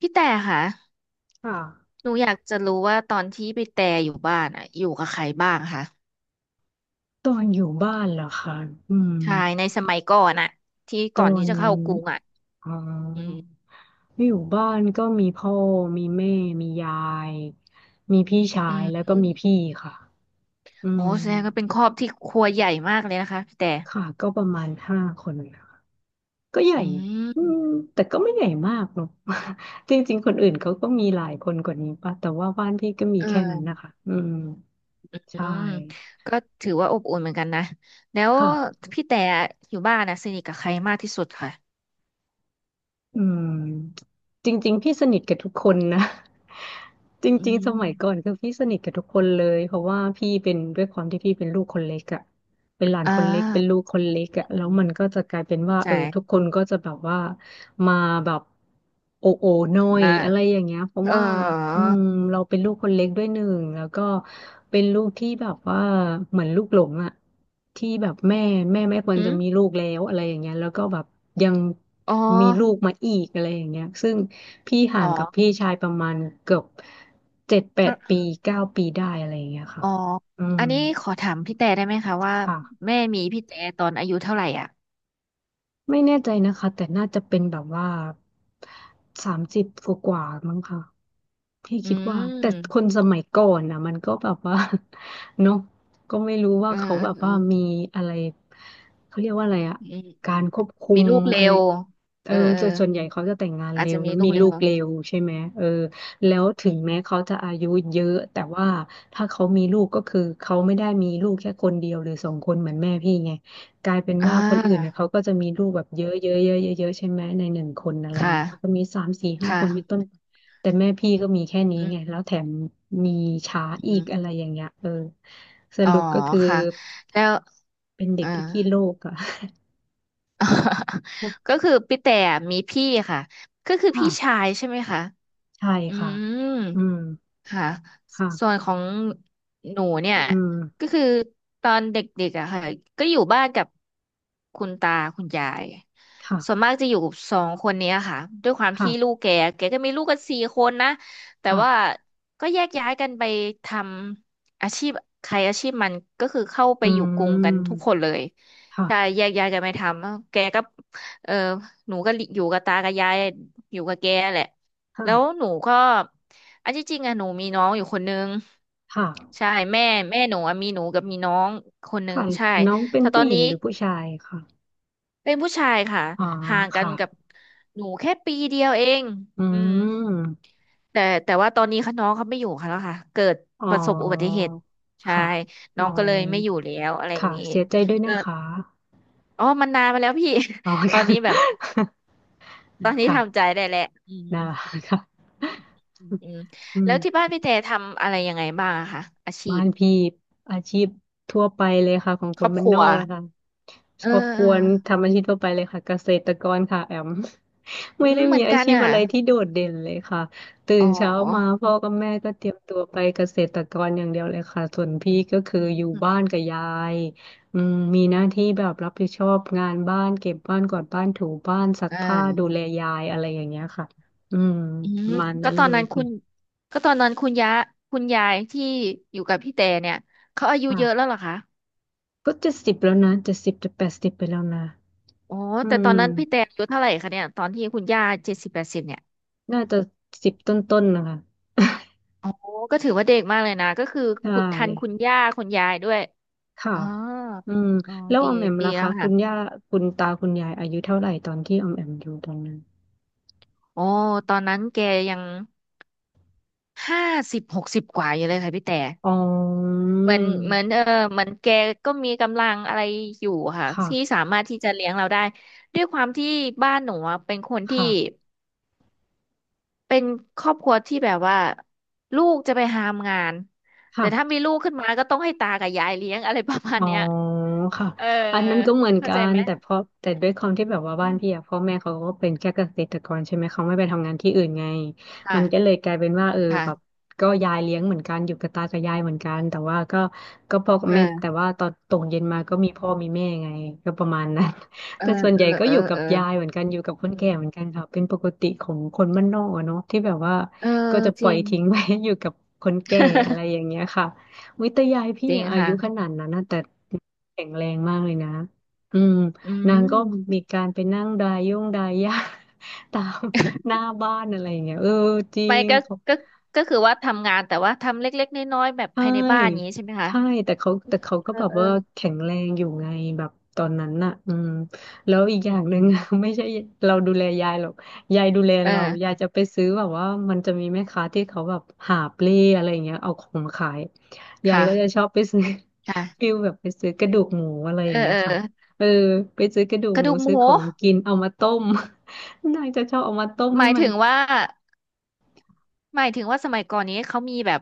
พี่แต่ค่ะค่ะหนูอยากจะรู้ว่าตอนที่พี่แต่อยู่บ้านอ่ะอยู่กับใครบ้างคะตอนอยู่บ้านเหรอคะอืมใช่ในสมัยก่อนอ่ะที่ตอก่อนที่นจะเข้ากรุงอ่ะอ๋ออืมอยู่บ้านก็มีพ่อมีแม่มียายมีพี่ชาอืยแล้วก็มีมพี่ค่ะอืโอ้มแสดงว่าเป็นครอบที่ครัวใหญ่มากเลยนะคะพี่แต่ค่ะก็ประมาณห้าคนนะะก็ใหญ่อือืมมแต่ก็ไม่ใหญ่มากเนอะ จริงๆคนอื่นเขาก็มีหลายคนกว่านี้ป่ะแต่ว่าบ้านพี่ก็มีเแค่นั้นออนะคะอืมอืใช่มก็ถือว่าอบอุ่นเหมือนกันนะแล้วค่ะ พี่แต่อยู่บ้านนะสนิทกับใครมากที่สุดค่ะอืมจริงๆพี่สนิทกับทุกคนนะ จอืริงๆสมมัยก่อนคือพี่สนิทกับทุกคนเลยเพราะว่าพี่เป็นด้วยความที่พี่เป็นลูกคนเล็กอะเป็นหลานอ่คนเล็กเป็นลูากคนเล็กอะแล้วมันก็จะกลายเป็นเข้าว่าใจเออทุกคนก็จะแบบว่า มาแบบโอโอหน่อยมาอะไรอย่างเงี้ยเพราะเออว่าอืมเราเป็นลูกคนเล็กด้วยหนึ่งแล้วก็เป็นลูกที่แบบว่าเหมือนลูกหลงอะที่แบบแม่ไม่ควรอืจะมมีลูกแล้วอะไรอย่างเงี้ยแล้วก็แบบยังอ๋อมีลูกมาอีกอะไรอย่างเงี้ยซึ่งพี่ห่าอ๋งกับอ พี่ชายประมาณเกือบ7-8 ปี9 ปีได้อะไรอย่างเงี้ยค่ะอ๋ออืมอันนี้ขอถามพี่แต่ได้ไหมคะว่าค่ะแม่มีพี่แต่ตอนอายุเท่าไหร่อ่ะไม่แน่ใจนะคะแต่น่าจะเป็นแบบว่า30 กว่าๆมั้งค่ะ พี่อืคิดว่าแต่คนมสมัยก่อนนะมันก็แบบว่า เนาะก็ไม่รู้ว่าเออเขาเออแบบเออว่ามีอะไรเขาเรียกว่าอะไรอะอืมอืกามรควบคุมีมลูกเร็อะไรวเอเอออเออส่วนใหญ่เขาจะแต่งงานอาจเร็จะวมีแล้วลูมีกเร็ลูวกเร็วใช่ไหมเอออืแล้มวถึอืงมแม้เขาจะอายุเยอะแต่ว่าถ้าเขามีลูกก็คือเขาไม่ได้มีลูกแค่คนเดียวหรือ2 คนเหมือนแม่พี่ไงกลายเป็นอ่ว่าคนอื่นนะาเขาก็จะมีลูกแบบเยอะเยอะเยอะเยอะเยอะใช่ไหมในหนึ่งคนอะไรค่ะเงี้ยเขาก็มีสามสี่ห้าค่ะคนเป็นต้น แต่แม่พี่ก็มีแค่นี้อืมไง แล้วแถมมีช้าอือีกมอะไรอย่างเงี้ยเออสอ๋อรุปก็คือค่ะแล้วเป็นเอเด็กอ ที่ขี้โลกอะ ก็ คือพี่แต่มีพี่ค่ะ ก็คือค่ะพี่ชายใช่ไหมคะใช่อืค่ะม อืมค่ะค่ะส่วนของหนูเนี่ยอืมก็คือตอนเด็กๆอะค่ะก็อยู่บ้านกับคุณตาคุณยายส่วนค่ะมากจะอยู่กับสองคนเนี้ยค่ะด้วยความที่ลูค่ะกแกแกก็มีลูกกันสี่คนนะแต่ว่าค่ะก็แยกย้ายกันไปทำอาชีพใครอาชีพมันก็คือเข้าไปอือยู่กรุงกันทุกคมนเลยค่ะใช่แยกย้ายกันไปทำแกก็เออหนูก็อยู่กับตากับยายอยู่กับแกแหละ แล้วค่ะหนูก็อันที่จริงอะหนูมีน้องอยู่คนนึงค่ะใช่แม่แม่หนูอะมีหนูกับมีน้องคนนึงค่ะใช่น้องเป็นแต่ตอผู้นหญินี้งหรือผู้ชายค่ะเป็นผู้ชายค่ะอ๋อห่างกันค่ะกับหนูแค่ปีเดียวเองอือืมมแต่ว่าตอนนี้ค่ะน้องเขาไม่อยู่ค่ะแล้วค่ะเกิดอ๋อประสบอุบัติเหตุใช่ค่ะอ๋น้อองก็เลยไม่อยู่แล้วอะไรอย่างค่ะนี้เสียใจด้วยก็นะคะอ๋อมันนานมาแล้วพี่ อ๋อ ตอค่ะนนี้แบบตอนนี้ค่ะ ทำใจได้แล้วอืมได้ค่ะ อืมอืมอืแล้มวที่บ้านพี่แต่ทำอะไรยังไงบ้างอะคะอาชีบ้าพ นพี่อาชีพทั่วไปเลยค่ะของคครนอบบ้าคนรันวอกนะคะคเออรอบคเอรัอวทำอาชีพทั่วไปเลยค่ะเกษตรกรค่ะแอม อืไม่มได้เหมืมีอนอากันชีพอ่ะอะไรที่โดดเด่นเลยค่ะตื่อ๋นเช้ามาอพ่อกับแม่ก็เตรียมตัวไปเกษตรกรอย่างเดียวเลยค่ะส่วนพี่ก็คืออือยู่บ้านมกับยายอืมมีหน้าที่แบบรับผิดชอบงานบ้านเก็บบ้านกวาดบ้านถูบ้านซักผ้าอ่าดูแลยายอะไรอย่างเงี้ยค่ะอืมอืปมระมาณก็นั้นตอเลนยนั้นคคุณก็ตอนนั้นคุณยะคุณยายที่อยู่กับพี่แต่เนี่ย เขาอายุเยอะแล้่ะ วเหรอคะก็70แล้วนะเจ็ดสิบจะ80ไปแล้วนะอ๋ออืแต่ตอนมนั้นพี่แต่อายุเท่าไหร่คะเนี่ยตอนที่คุณย่าเจ็ดสิบแปดสิบเนี่ยน่าจะ10 ต้นๆนะคะ อ๋อก็ถือว่าเด็กมากเลยนะ ก็คือใช่ขุดทันคุณย่าคุณยายด้วยค่ะอ๋ออืมอ๋อแล้วดีออมแอมดีล่ะแล้คะวคุณย่าค่ะคุณตาคุณยายอายุเท่าไหร่ตอนที่ออมแอมอยู่ตอนนั้นโอ้ตอนนั้นแกยังห้าสิบหกสิบกว่าอยู่เลยค่ะพี่แต่ อ๋อเหมือนเออเหมือนแกก็มีกำลังอะไรอยู่ค่ะค่ะที่สามารถที่จะเลี้ยงเราได้ด้วยความที่บ้านหนูอะเป็นคนที่ค่ะเป็นครอบครัวที่แบบว่าลูกจะไปหามงานแต่ถ้ามีค่ะ ลูกขึ้นมาก็ต้องให้ตากับยายเลี้ยงอะไรประมาณอ๋อเนี้ยค่ะเอออันนั้นก็เหมือนเข้ากัใจนไหมแต่เพราะแต่ด้วยความที่แบบว่าอืบ้านมพี่อะพ่อแม่เขาก็เป็นแค่เกษตรกรใช่ไหมเขาไม่ไปทำงานที่อื่นไงมันก็เลค่ะยกลายเป็นว่าเออแบบค่ะก็ยายเลี้ยงเหมือนกันอยู่กับตากับยายเหมือนกันแต่ว่าก็ก็พ่อกับแม่แต่เออว่าตอนตกเย็นมาก็มีพ่อมีแม่ไงก็ประมาณนั้น เออแต่ส่วนเอใหอญ่ก็เอออยู่กับเออยายเหมือนกันอยู่กับคนแก่เหมือนกันค่ะเป็นปกติของคนบ้านนอกอะเนาะที่แบบว่าเอก็อจะปจล่อริยงทิ้งไว้ อยู่กับคนแก่อะไรอย่างเงี้ยค่ะ วิตยายพี่จริงอะอาค่ะยุขนาดนั้นนะแต่แข็งแรงมากเลยนะอืมอืนางก็ม มีการไปนั่งดายย่งดายห้า ตามหน้า บ้านอะไรอย่างเงี้ยเออจริไม่ง ก็ก็คือว่าทำงานแต่ว่าทำเล็กๆน้อยๆแบบใชภายในบ้านอย่าง่นี้ใช่ไหมคะ ใช่แต่เขาเอก็อแบบเออว่าแข็งแรงอยู่ไงแบบตอนนั้นน่ะอืมแล้วอีกอือย่ามงอืหนึ่มง ไม่ใช่เราดูแลยายหรอกยายดูแลเอเรายาอยจะไปซื้อแบบว่ามันจะมีแม่ค้าที่เขาแบบหาบเล่อะไรอย่างเงี้ยเอาของมาขายยายค่ะก็จะชอบไปซื้อ ฟิค่ะลแบบไปซื้อกระดูกหมูอะไรอเอย่าองเงี้ยเออค่ะเออไปซื้อกระดูกกระหมูดูกหซื้มูอของกินเอามาต้ม นางจะชอบเอามาต้มหให้มายมัน ถึงว่าหมายถึงว่าสมัยก่อนนี้เขามีแบบ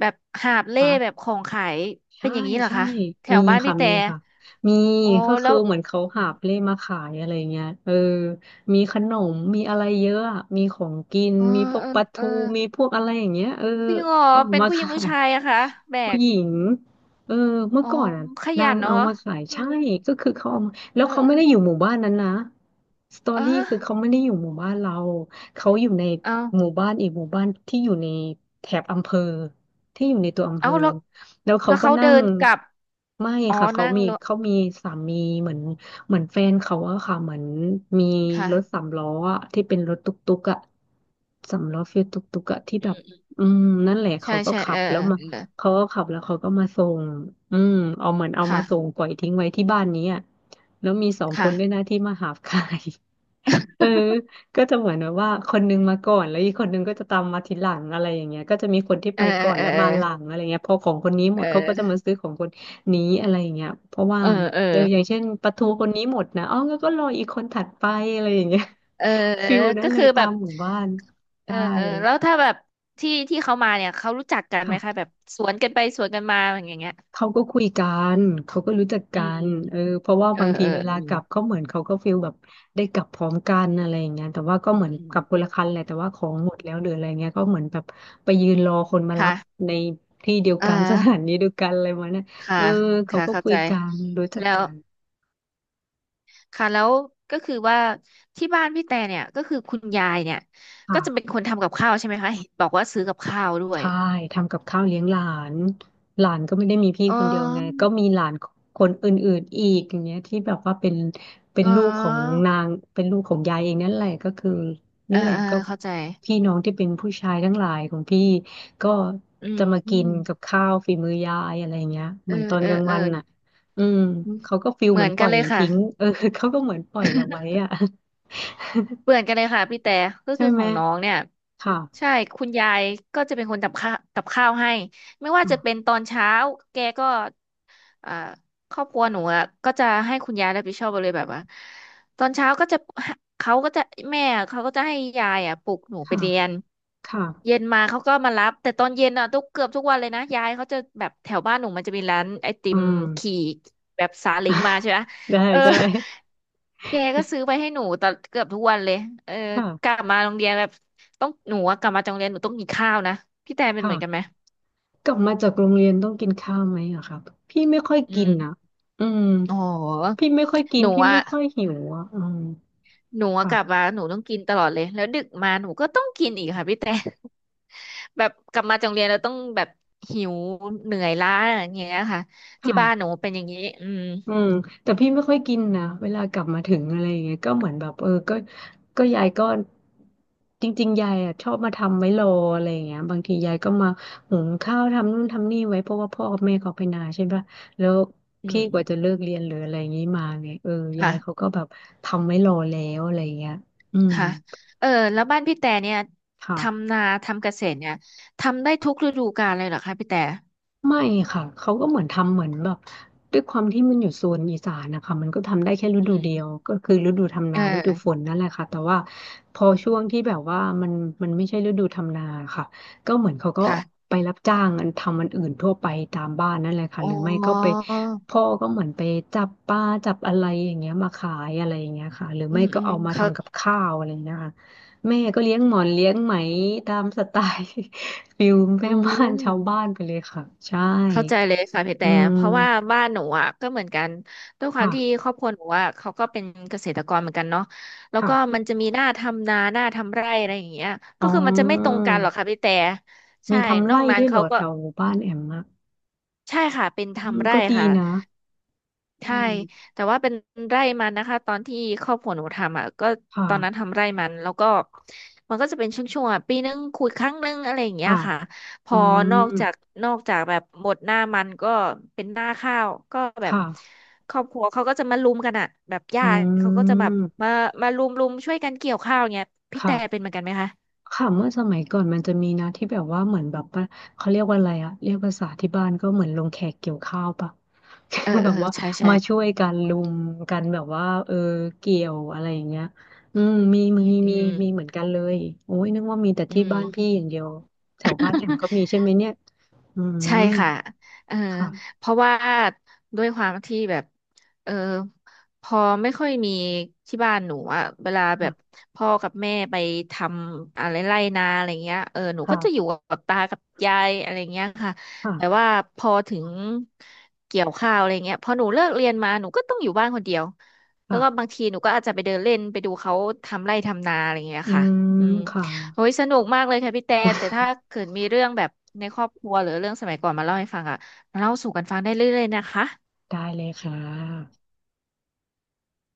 แบบหาบเล่แบบของขายเป็ใช่นอย่างนี้เหรอใช่คะแถมีวบ้านค่ะพี่แต่มีค่ะ มีโอ้ก็แล้คือวเหมือนเขาหาบเล่มาขายอะไรเงี้ยมีขนมมีอะไรเยอะอะมีของกินเออมีพวกเออปลาเอทูอมีพวกอะไรอย่างเงี้ยจริงเหรอเขาเอาเป็นมาผู้หญิงขาผู้ยชายอะคะแบผู้กหญิงเออเมื่ออ๋อก่อนอ่ะขนายังนเนาะเอามาขายอืใช่มก็คือเขาเอามาแล้วเออเขาเอไม่อได้อยู่หมู่บ้านนั้นนะสตออ๋อรี่คือเขาไม่ได้อยู่หมู่บ้านเราเขาอยู่ในเอาหมู่บ้านอีกหมู่บ้านที่อยู่ในแถบอำเภอที่อยู่ในตัวอำเภเอาอ แล้วแล้วเขาแล้วก็เขานั่เดิงนกลับไม่อ๋อค่ะ เขานั่งมีรถสามีเหมือนเหมือนแฟนเขาอะค่ะเหมือนมีรถสาค่ะมล้ออะที่เป็นรถตุ๊กตุ๊กอะสามล้อฟิลตุ๊กตุ๊กอะที่แบบอืมนั่นแหละใช่เขาก็ใช่ขัเออบแล้เอวอมาเออเขาก็ขับแล้วเขาก็มาส่งอืมเอาเหมือนเอามาค่ะ ส่งปล่อยทิ้งไว้ที่บ้านนี้อะแล้วมีสองคค่ะนด้วยนะที่มาหาบ คายเออ ก็จะเหมือนแบบว่าคนนึงมาก่อนแล้วอีกคนนึงก็จะตามมาทีหลังอะไรอย่างเงี้ยก็จะมีคนที่เอไปอก่อนเออแล้วเออมาหลังอะไรเงี้ยพอของคนนี้หมเดเขาก็จะออมาซื้อของคนนี้อะไรอย่างเงี้ยเพราะว่าเออเอออย่างเช่นปลาทูคนนี้หมดนะอ๋องั้นก็รออีกคนถัดไปอะไรอย่างเงี้ย เออเอ อฟิลนั้ก็นเลคืยอแบตาบมหมู่บ้านเออใช่เออแล้วถ้าแบบที่ที่เขามาเนี่ยเขารู้จักกันไหมคะแบค่ะ บสวนกันไปสวนกันมาอย่างเงี้ยเขาก็คุยกันเขาก็รู้จักอืกัมนเพราะว่าเออบางทีเออเวลาอืกมลับเขาเหมือนเขาก็ฟีลแบบได้กลับพร้อมกันอะไรอย่างเงี้ยแต่ว่าก็อืเหมือมนอืกมลับคนละคันแหละแต่ว่าของหมดแล้วหรืออะไรเงี้ยก็เหมือนแบบไปยืนรอคนมารัค่ะบในที่เดียวอ่ากัน สถานีเดียวกันอะไรประมาณเนี้ยค่ะเออเขาค่ะก็เข้าคุใจยกันรู้จักแล้วกันค่ะแล้วก็คือว่าที่บ้านพี่แต่เนี่ยก็คือคุณยายเนี่ยก็จะเป็นค่ะ คนทำกับข้าวใช่ไหมคะเห็นบอกว่าซื้อกับข้าวด้วยใช่ทำกับข้าวเลี้ยงหลานหลานก็ไม่ได้มีพี่อ๋อคนเดียวไงก็มีหลานคนอื่นๆอีกอย่างเงี้ยที่แบบว่าเป็นเป็นอ๋อลูกของนางเป็นลูกของยายเองนั่นแหละก็คือเอนั่อนแหละเออก็เข้าใจ พี่น้องที่เป็นผู้ชายทั้งหลายของพี่ก็อืจะมากินมกับข้าวฝีมือยายอะไรเงี้ยเอเหมืออนตอนเออกลางเออวันน่ะอืมเขาก็ฟิลเหเหมืมืออนนปกัล่นอยเลยค่ะทิ้งเขาก็เหมือนปล่อยเราไว้อ่ะ เหมือนกันเลยค่ะพี่แต่ ก็ ใช่คือขไหมองน้องเนี่ยค่ะใช่คุณยายก็จะเป็นคนทำข้าวกับข้าวให้ไม่ว่าค่ะจะเป็นตอนเช้าแกก็ อ่าครอบครัวหนูอะก็จะให้คุณยายรับผิดชอบไปเลยแบบว่าตอนเช้าก็จะเขาก็จะแม่เขาก็จะให้ยายอ่ะปลุกหนูไปค่ะเรียนค่ะเย็นมาเขาก็มารับแต่ตอนเย็นอ่ะทุกเกือบทุกวันเลยนะยายเขาจะแบบแถวบ้านหนูมันจะมีร้านไอติอืมม ขี่แบบซาเล้งมาใช่ไหม ได้เออใช่แกก็ซื้อไปให้หนูตอนเกือบทุกวันเลยเออกลัค่ะบมาโรงเรียนแบบต้องหนูอะกลับมาจากโรงเรียนหนูต้องกินข้าวนะพี่แตนเป็นเหมือนกันไหมค่ะกลับมาจากโรงเรียนต้องกินข้าวไหมอะครับพี่ไม่ค่อยอืกินนะมอืมอ๋อพี่ไม่ค่อยกิหนนูพี่อะ ไม่ค่อยหิวอะอืมหนูอะกลับมาค่ะหนูต้องกินตลอดเลยแล้วดึกมาหนูก็ต้องกินอีกค่ะพี่แต่ แบบกลับมาจากโรงเรียนเราต้องแบบหิวเหนื่อยล้าอย่างเงี้ยค่ะที่ค่ะ บ้านหนูเป็นอย่างนี้อืมอืมแต่พี่ไม่ค่อยกินนะเวลากลับมาถึงอะไรอย่างเงี้ยก็เหมือนแบบก็ยายก็จริงๆยายอ่ะชอบมาทำไว้รออะไรอย่างเงี้ยบางทียายก็มาหุงข้าวทำนู่นทำนี่ไว้เพราะว่าพ่อกับแม่เขาไปนาใช่ปะแล้วอืพี่มกว่าจะเลิกเรียนหรืออะไรอย่างงี้มาไงยายเขาก็ค่ะแบบทำไว้รอแล้วอะไรอย่างเงี้ยอืมค่ะเออแล้วบ้านพี่แต่เนี่ยค่ะ ทำนาทำเกษตรเนี่ยทำได้ทุกฤดูกาลเลยเหรอคะพี่แต่ไม่ค่ะเขาก็เหมือนทำเหมือนแบบด้วยความที่มันอยู่โซนอีสานนะคะมันก็ทำได้แค่ฤอืดูเดียวมก็คือฤดูทำเอนาฤดูฝอนนั่นแหละค่ะแต่ว่าพอช่วงที่แบบว่ามันไม่ใช่ฤดูทำนาค่ะก็เหมือนเขาก็ค่ะไปรับจ้างอันทำอันอื่นทั่วไปตามบ้านนั่นแหละค่ะอ๋อหรือไม่ก็ไปพ่อก็เหมือนไปจับปลาจับอะไรอย่างเงี้ยมาขายอะไรอย่างเงี้ยค่ะหรืออืไม่มก็อืมเอามาเขาทำกับข้าวอะไรอย่างเงี้ยค่ะแม่ก็เลี้ยงหมอนเลี้ยงไหมตามสไตล์ ฟิลแม่อืบ้านม ชาวบ้านไปเลยค่ะใช่เข้าใจเลยค่ะพี่อืแต่เพราะว่ามบ้านหนูอ่ะก็เหมือนกันด้วยความที่ค่ะครอบครัวหนูอ่ะเขาก็เป็นเกษตรกรเหมือนกันเนาะแล้วก็มันค่ะจะมีหน้าทำนาหน้าทำไร่อะไรอย่างเงี้ยก็อ๋คือมันจะไม่ตรองกันหรอกค่ะพี่แต่ใช่ มีทำนอไร่กนั้ด้นวยเหรเขาอแถก็วหมู่บ้านแอมอะใช่ค่ะเป็นอืมทำไร่ก็ดีค่ะ นะอืใช่มแต่ว่าเป็นไร่มันนะคะตอนที่ครอบครัวหนูทำอ่ะก็คตอนนั้น่ะทำไร่มันแล้วก็มันก็จะเป็นช่วงๆอ่ะปีนึงคุยครั้งนึงอะไรอย่างเงี้ยค่ะค่ะพอือนอกจามกนอกจากแบบหมดหน้ามันก็เป็นหน้าข้าวก็แบบค่ะครอบครัวเขาก็จะมาลุมกันอ่ะแบบอืญาติเขาก็จะแบบมมามาลุมช่วยกันเกี่ยวข้าวเงี้ยพี่ค่ะ แต่เป็นเหมือนกันไหมคะค่ะเมื่อสมัยก่อนมันจะมีนะที่แบบว่าเหมือนแบบว่าเขาเรียกว่าอะไรอะเรียกภาษาที่บ้านก็เหมือนลงแขกเกี่ยวข้าวปะ เออ แบเออบว่าใช่ใช่มาช่วยกันลุมกันแบบว่าเกี่ยวอะไรอย่างเงี้ยอืมมีอืมอืมีมเหมือนกันเลยโอ้ยนึกว่ามีแต่อืที่บ้านพี่ม อย่างเดียวแถวบ้านแอมก็มีใช่ไหมเนี่ยอืใช่มค่ะเออค่ะเพราะว่าด้วยความที่แบบเออพอไม่ค่อยมีที่บ้านหนูอะเวลาแบค่ะบพ่อกับแม่ไปทำอะไรไร่นาอะไรเงี้ยเออหนูก็ค่ะจะอยู่กับตากับยายอะไรเงี้ยค่ะแต่ค่ะว่าพอถึงเกี่ยวข้าวอะไรเงี้ยพอหนูเลิกเรียนมาหนูก็ต้องอยู่บ้านคนเดียวแล้วก็ค่ะบางทีหนูก็อาจจะไปเดินเล่นไปดูเขาทำไร่ทำนาอะไรเงี้ยอืค่ะมอืม ค่ะโอ้ยสนุกมากเลยค่ะพี่แต่แต่ถ้าเกิดมีเรื่องแบบในครอบครัวหรือเรื่องสมัยก่อนมาเล่าให้ฟังอ่ะเล่าสู่กันฟังได้เรื่อยๆนะคะได้เลยค่ะ